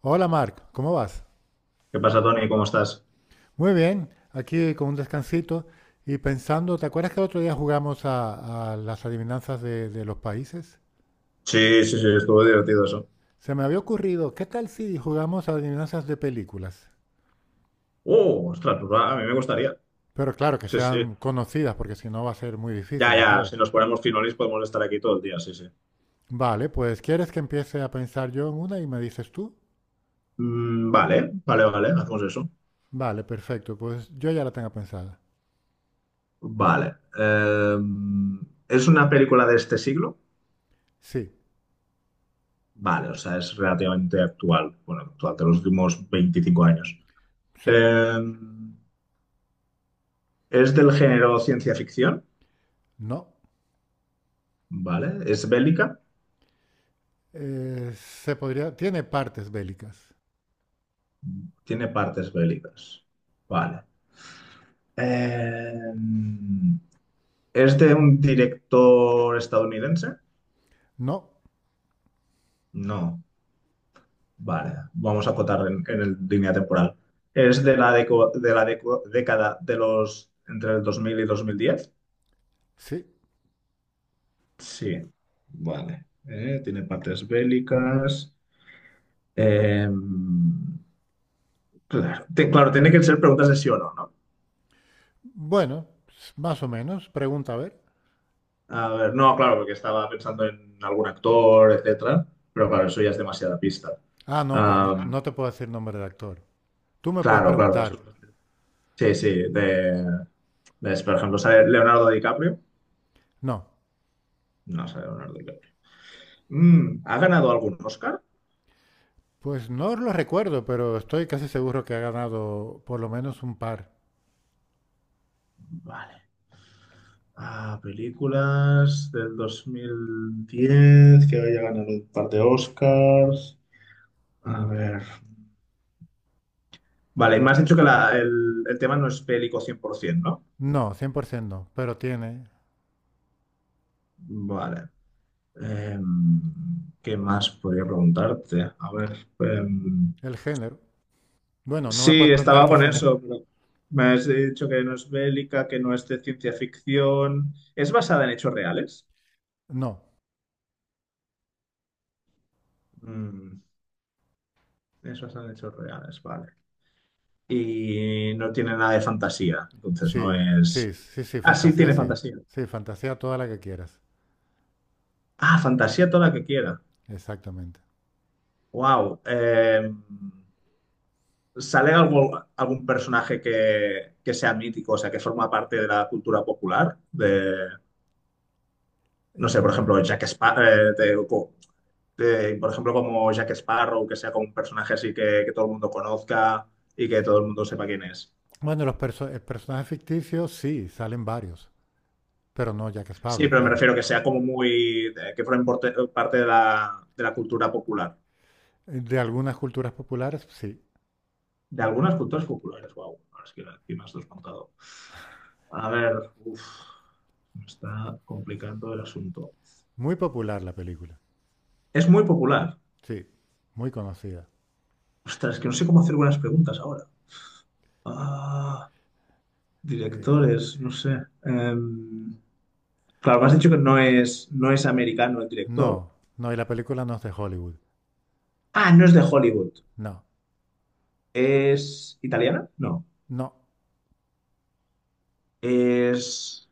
Hola Marc, ¿cómo vas? ¿Qué pasa, Tony? ¿Cómo estás? Muy bien, aquí con un descansito y pensando, ¿te acuerdas que el otro día jugamos a las adivinanzas de los países? Sí, sí, sí, estuvo divertido eso. Se me había ocurrido, ¿qué tal si jugamos a adivinanzas de películas? ¡Oh, ostras! Pues va, a mí me gustaría. Pero claro, que Sí, sí. sean conocidas, porque si no va a ser muy difícil, Ya, yo ya, creo. si nos ponemos finolis podemos estar aquí todo el día, sí, sí. Vale, pues ¿quieres que empiece a pensar yo en una y me dices tú? Vale, vale, vale, hacemos eso. Vale, perfecto, pues yo ya la tengo pensada. Vale. ¿Es una película de este siglo? Sí, Vale, o sea, es relativamente actual. Bueno, actual, de los últimos 25 años. sí, Eh, ¿Es del género ciencia ficción? no. Vale. ¿Es bélica? Se podría, tiene partes bélicas. Tiene partes bélicas. Vale. Eh, ¿Es de un director estadounidense? No, No. Vale, vamos a acotar en el línea temporal. ¿Es de década de los entre el 2000 y 2010? sí, Sí. Vale. Tiene partes bélicas. Eh, claro, claro, tiene que ser preguntas de sí o no, ¿no? bueno, más o menos. Pregunta, a ver. A ver, no, claro, porque estaba pensando en algún actor, etcétera, pero claro, eso ya es demasiada pista. Ah, no, pero no, Ah, no te puedo decir nombre de actor. Tú me puedes claro, claro, preguntar. Sí, sí, por ejemplo, sale Leonardo DiCaprio. No, No sale Leonardo DiCaprio. ¿Ha ganado algún Oscar? pues no lo recuerdo, pero estoy casi seguro que ha ganado por lo menos un par. Vale. Ah, películas del 2010 que haya ganado un par de Oscars. A ver. Vale, y me has dicho que el tema no es bélico 100%, No, 100% no, pero tiene ¿no? Vale. ¿Qué más podría preguntarte? A ver. em, el género. Bueno, no me puedes Sí, preguntar estaba qué con género. eso, pero me has dicho que no es bélica, que no es de ciencia ficción. ¿Es basada en hechos reales? No, Mm, es basada en hechos reales, vale. Y no tiene nada de fantasía, entonces no sí, es... sí, Ah, sí, tiene sí. fantasía. Sí, fantasía toda la que quieras. Ah, fantasía toda la que quiera. Exactamente. Wow. ¿Sale algo, algún personaje que sea mítico, o sea, que forma parte de la cultura popular? No sé, por Eh, ejemplo, Jack Sparrow, de, por ejemplo, como Jack Sparrow, que sea como un personaje así que todo el mundo conozca y que todo el mundo sepa quién es. bueno, personajes ficticios sí, salen varios, pero no Jack Sí, Sparrow, pero me claro. refiero que sea como muy, que formen parte de la cultura popular. De algunas culturas populares, sí. De algunas culturas populares, wow. Ahora es que aquí me has desmontado. A ver, uff, me está complicando el asunto. Muy popular la película, Es muy popular. sí. Muy conocida. Ostras, es que no sé cómo hacer buenas preguntas ahora. Ah, Eh, directores, no sé. Em, claro, me has dicho que no es americano el director. no, no, y la película no es de Hollywood. Ah, no es de Hollywood. No, ¿Es italiana? No. no. Es.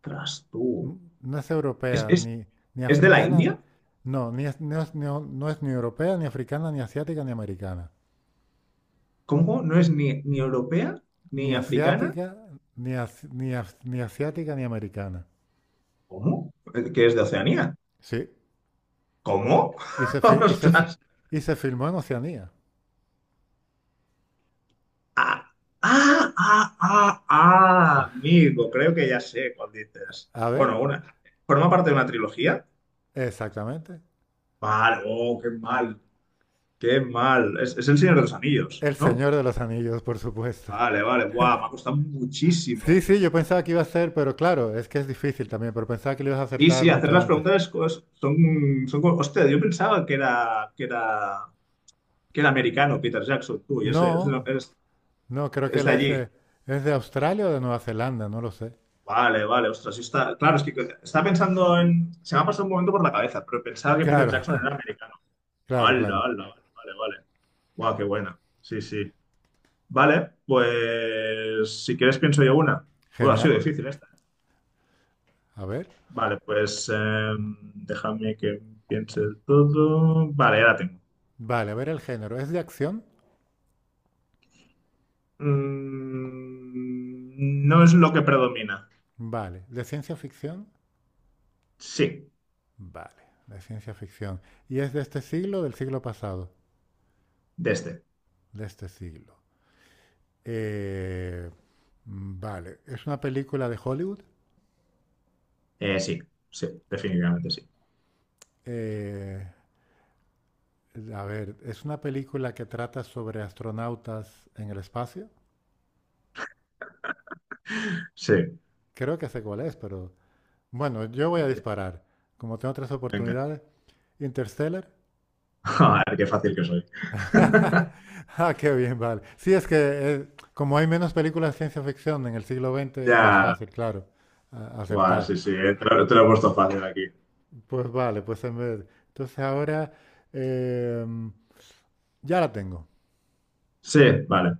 ¿Tras tú? No es ¿Es, europea, es, ni es de la africana. India? No, ni es- no, no es ni europea, ni africana, ni asiática, ni americana. ¿Cómo? ¿No es ni europea Ni ni africana? asiática, ni asiática, ni americana. ¿Cómo? ¿Que es de Oceanía? Sí. ¿Cómo? Y se, fi- y se fi- ¡Ostras! y se filmó en Oceanía. Ah, Amigo, creo que ya sé cuál dices. A ver, Bueno, una. ¿Forma parte de una trilogía? exactamente. Vale, oh, qué mal, qué mal. Es El Señor de los Anillos, El ¿no? Señor de los Anillos, por supuesto. Vale, vale, guau, me ha costado Sí, muchísimo. sí, yo pensaba que iba a ser, pero claro, es que es difícil también, pero pensaba que lo ibas a Y acertar sí, hacer mucho las antes. preguntas son, son... Hostia, yo pensaba que era, que era americano Peter Jackson, tú, y No, no, creo que es él de allí. es de Australia o de Nueva Zelanda, no lo sé. Vale, vale, ostras, sí está... Claro, es que estaba pensando en... Se me ha pasado un momento por la cabeza, pero pensaba que Peter Claro, Jackson era americano. claro, Hala, claro. hala, vale, vale, vale. Guau, qué buena. Sí, sí. Vale, pues si quieres pienso yo una. Bueno, ha sido Genial. difícil esta. A ver. Vale, pues déjame que piense el todo. Vale, ya la tengo. Vale, a ver el género. ¿Es de acción? No es lo que predomina. Vale. ¿De ciencia ficción? Sí, Vale, de ciencia ficción. ¿Y es de este siglo o del siglo pasado? de este. De este siglo. Eh, vale. ¿Es una película de Hollywood? Eh, sí, sí, definitivamente sí. Eh, A ver, es una película que trata sobre astronautas en el espacio. Sí, Creo que sé cuál es, pero bueno, yo voy a disparar. Como tengo tres venga. oportunidades, Interstellar. A ver qué fácil que soy. Ah, qué bien, vale. Sí, es que como hay menos películas de ciencia ficción en el siglo XX es más Ya. fácil, claro, Guau, acertar. sí, sí, te lo he puesto fácil aquí. Pues vale, pues en vez. Entonces ahora eh, ya la tengo. Sí, vale.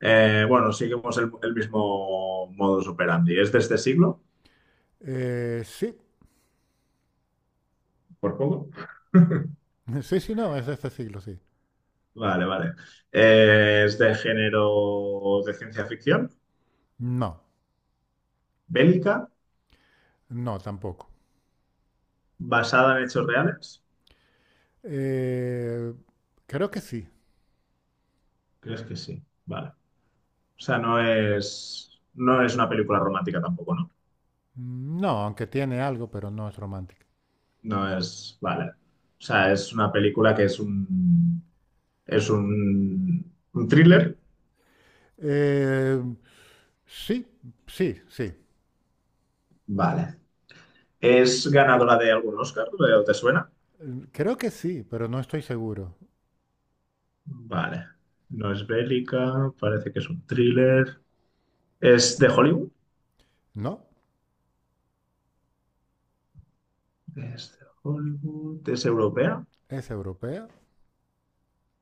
Bueno, seguimos el mismo modus operandi. ¿Es de este siglo? Sí, Por poco. sí, sí, no, es de este siglo, sí. Vale, vale. ¿Es de género de ciencia ficción? No, ¿Bélica? no, tampoco. ¿Basada en hechos reales? Eh, Creo que sí. ¿Crees que sí? Vale. O sea, no es una película romántica tampoco, ¿no? No, aunque tiene algo, pero no es romántica. Vale. O sea, es una película que es un thriller. Eh, sí, sí, sí. Vale. ¿Es ganadora de algún Oscar? Te suena? Creo que sí, pero no estoy seguro. Vale. No es bélica, parece que es un thriller. ¿Es de Hollywood? ¿No? Es de Hollywood. ¿Es europea? ¿Es europea?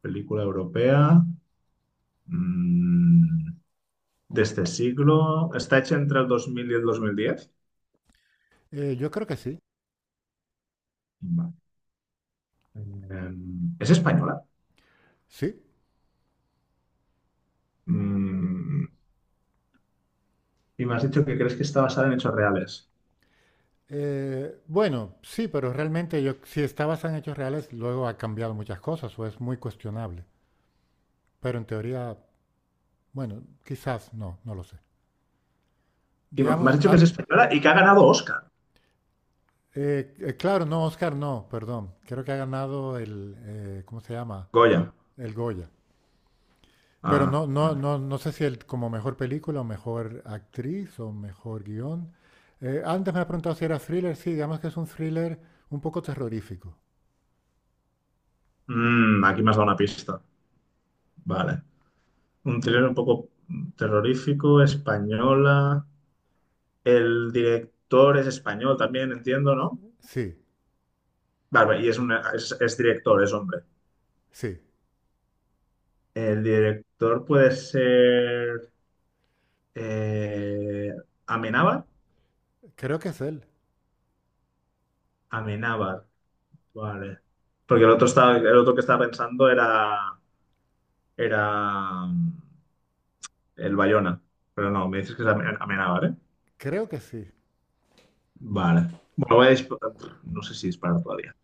Película europea. Mm, de este siglo. ¿Está hecha entre el 2000 y el 2010? Yo creo que sí, Vale. Em, ¿Es española? sí. Mm, y me has dicho que crees que está basada en hechos reales. Bueno, sí, pero realmente yo, si está basada en hechos reales, luego ha cambiado muchas cosas o es muy cuestionable. Pero en teoría, bueno, quizás no, no lo sé. Y me Digamos, has dicho que es española y que ha ganado Oscar. Claro, no, Oscar, no, perdón. Creo que ha ganado el, ¿cómo se llama? Goya. El Goya. Pero Ah, no, no, vale. no, no sé si el, como mejor película o mejor actriz o mejor guión. Antes me ha preguntado si era thriller. Sí, digamos que es un thriller un poco terrorífico. Aquí me has dado una pista. Vale. Un thriller un poco terrorífico, española. El director es español también, entiendo, ¿no? Sí, Vale, vale, y es director, es hombre. sí. El director puede ser eh, Amenábar. Creo que es él. Amenábar. Vale. Porque el otro estaba, el otro que estaba pensando era el Bayona. Pero no, me dices que es Amenábar, ¿eh? Creo que sí. Vale. Bueno, voy a disparar. No sé si disparar todavía.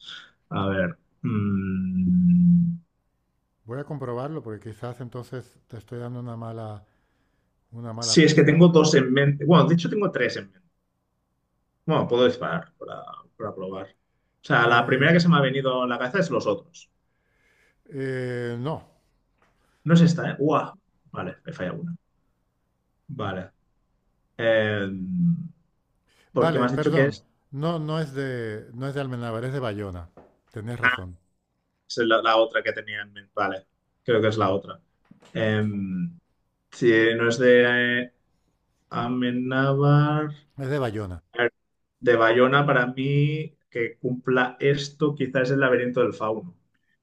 A ver. Voy a comprobarlo porque quizás entonces te estoy dando una mala Sí, es que tengo pista. dos en mente. Bueno, de hecho tengo tres en mente. Bueno, puedo disparar para probar. O sea, la Eh, primera que se me ha venido en la cabeza es los otros. No. No es esta, ¿eh? ¡Guau! Vale, me falla una. Vale. Eh, Porque me Vale, has dicho que perdón. es. No, no es de, no es de Almenábar, es de Bayona. Tenés razón. Esa es la otra que tenía en mente. Vale, creo que es la otra. Em, si no es de Amenábar, Es de Bayona. a ver, de Bayona, para mí, que cumpla esto, quizás es el laberinto del fauno.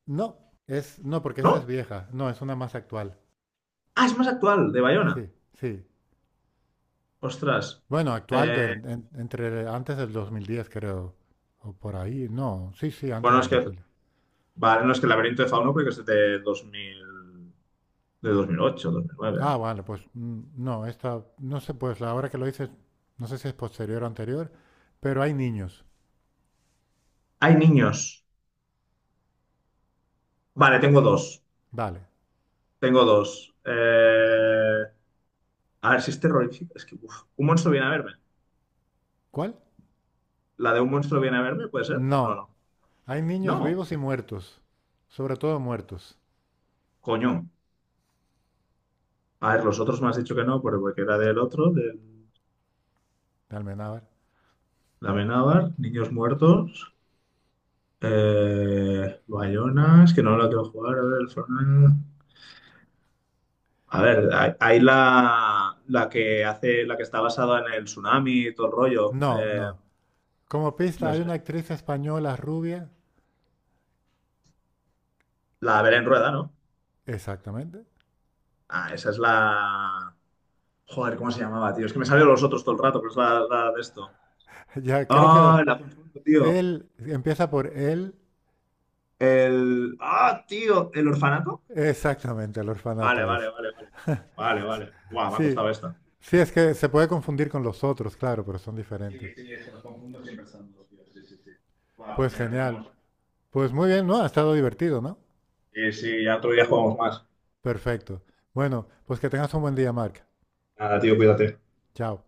No, es, no, porque esa es ¿No? vieja. No, es una más actual. Ah, es más actual, de Sí, Bayona. sí. Ostras. Bueno, Eh, entre antes del 2010, creo, o por ahí. No, sí, sí, antes bueno, es del que, 2010. vale, no es que el laberinto del fauno creo que es de 2000 de 2008 2009. Ah, vale, pues no, esta, no sé, pues la hora que lo dices, no sé si es posterior o anterior, pero hay niños. Hay niños. Vale, tengo dos. Vale. Tengo dos. A ver si es terrorífico. Es que, uf, un monstruo viene a verme. ¿Cuál? ¿La de un monstruo viene a verme? ¿Puede ser? No, No, no. hay niños No, vivos y muertos, sobre todo muertos, coño. A ver, los otros me has dicho que no, pero porque era del otro, del de Almenábar. Amenábar, Niños Muertos, Bayona, es que no la quiero jugar, a ver, el Fortnite. A ver, hay la que hace, la que está basada en el tsunami y todo el rollo. No, no. Como pista No hay sé, una actriz española rubia, la Belén Rueda, ¿no? exactamente. Ah, esa es la... Joder, ¿cómo se llamaba, tío? Es que me salieron los otros todo el rato, pero es la de esto. Ya creo que Ah, la confundo, tío. él empieza por él. El. ¡Ah, tío! ¿El orfanato? Exactamente, el Vale, orfanato vale, es. vale, vale. Vale, vale. Guau, me ha Sí, costado esta. sí, es que se puede confundir con los otros, claro, pero son Sí, diferentes. sí, es que los confundo siempre son dos, tío. Sí, sí, sí. Guau, Pues mira, al genial. final Pues muy bien, ¿no? Ha estado divertido, ¿no? sí, sí, ya otro día jugamos más. Perfecto. Bueno, pues que tengas un buen día, Marc. Nada, tío, cuídate. Chao.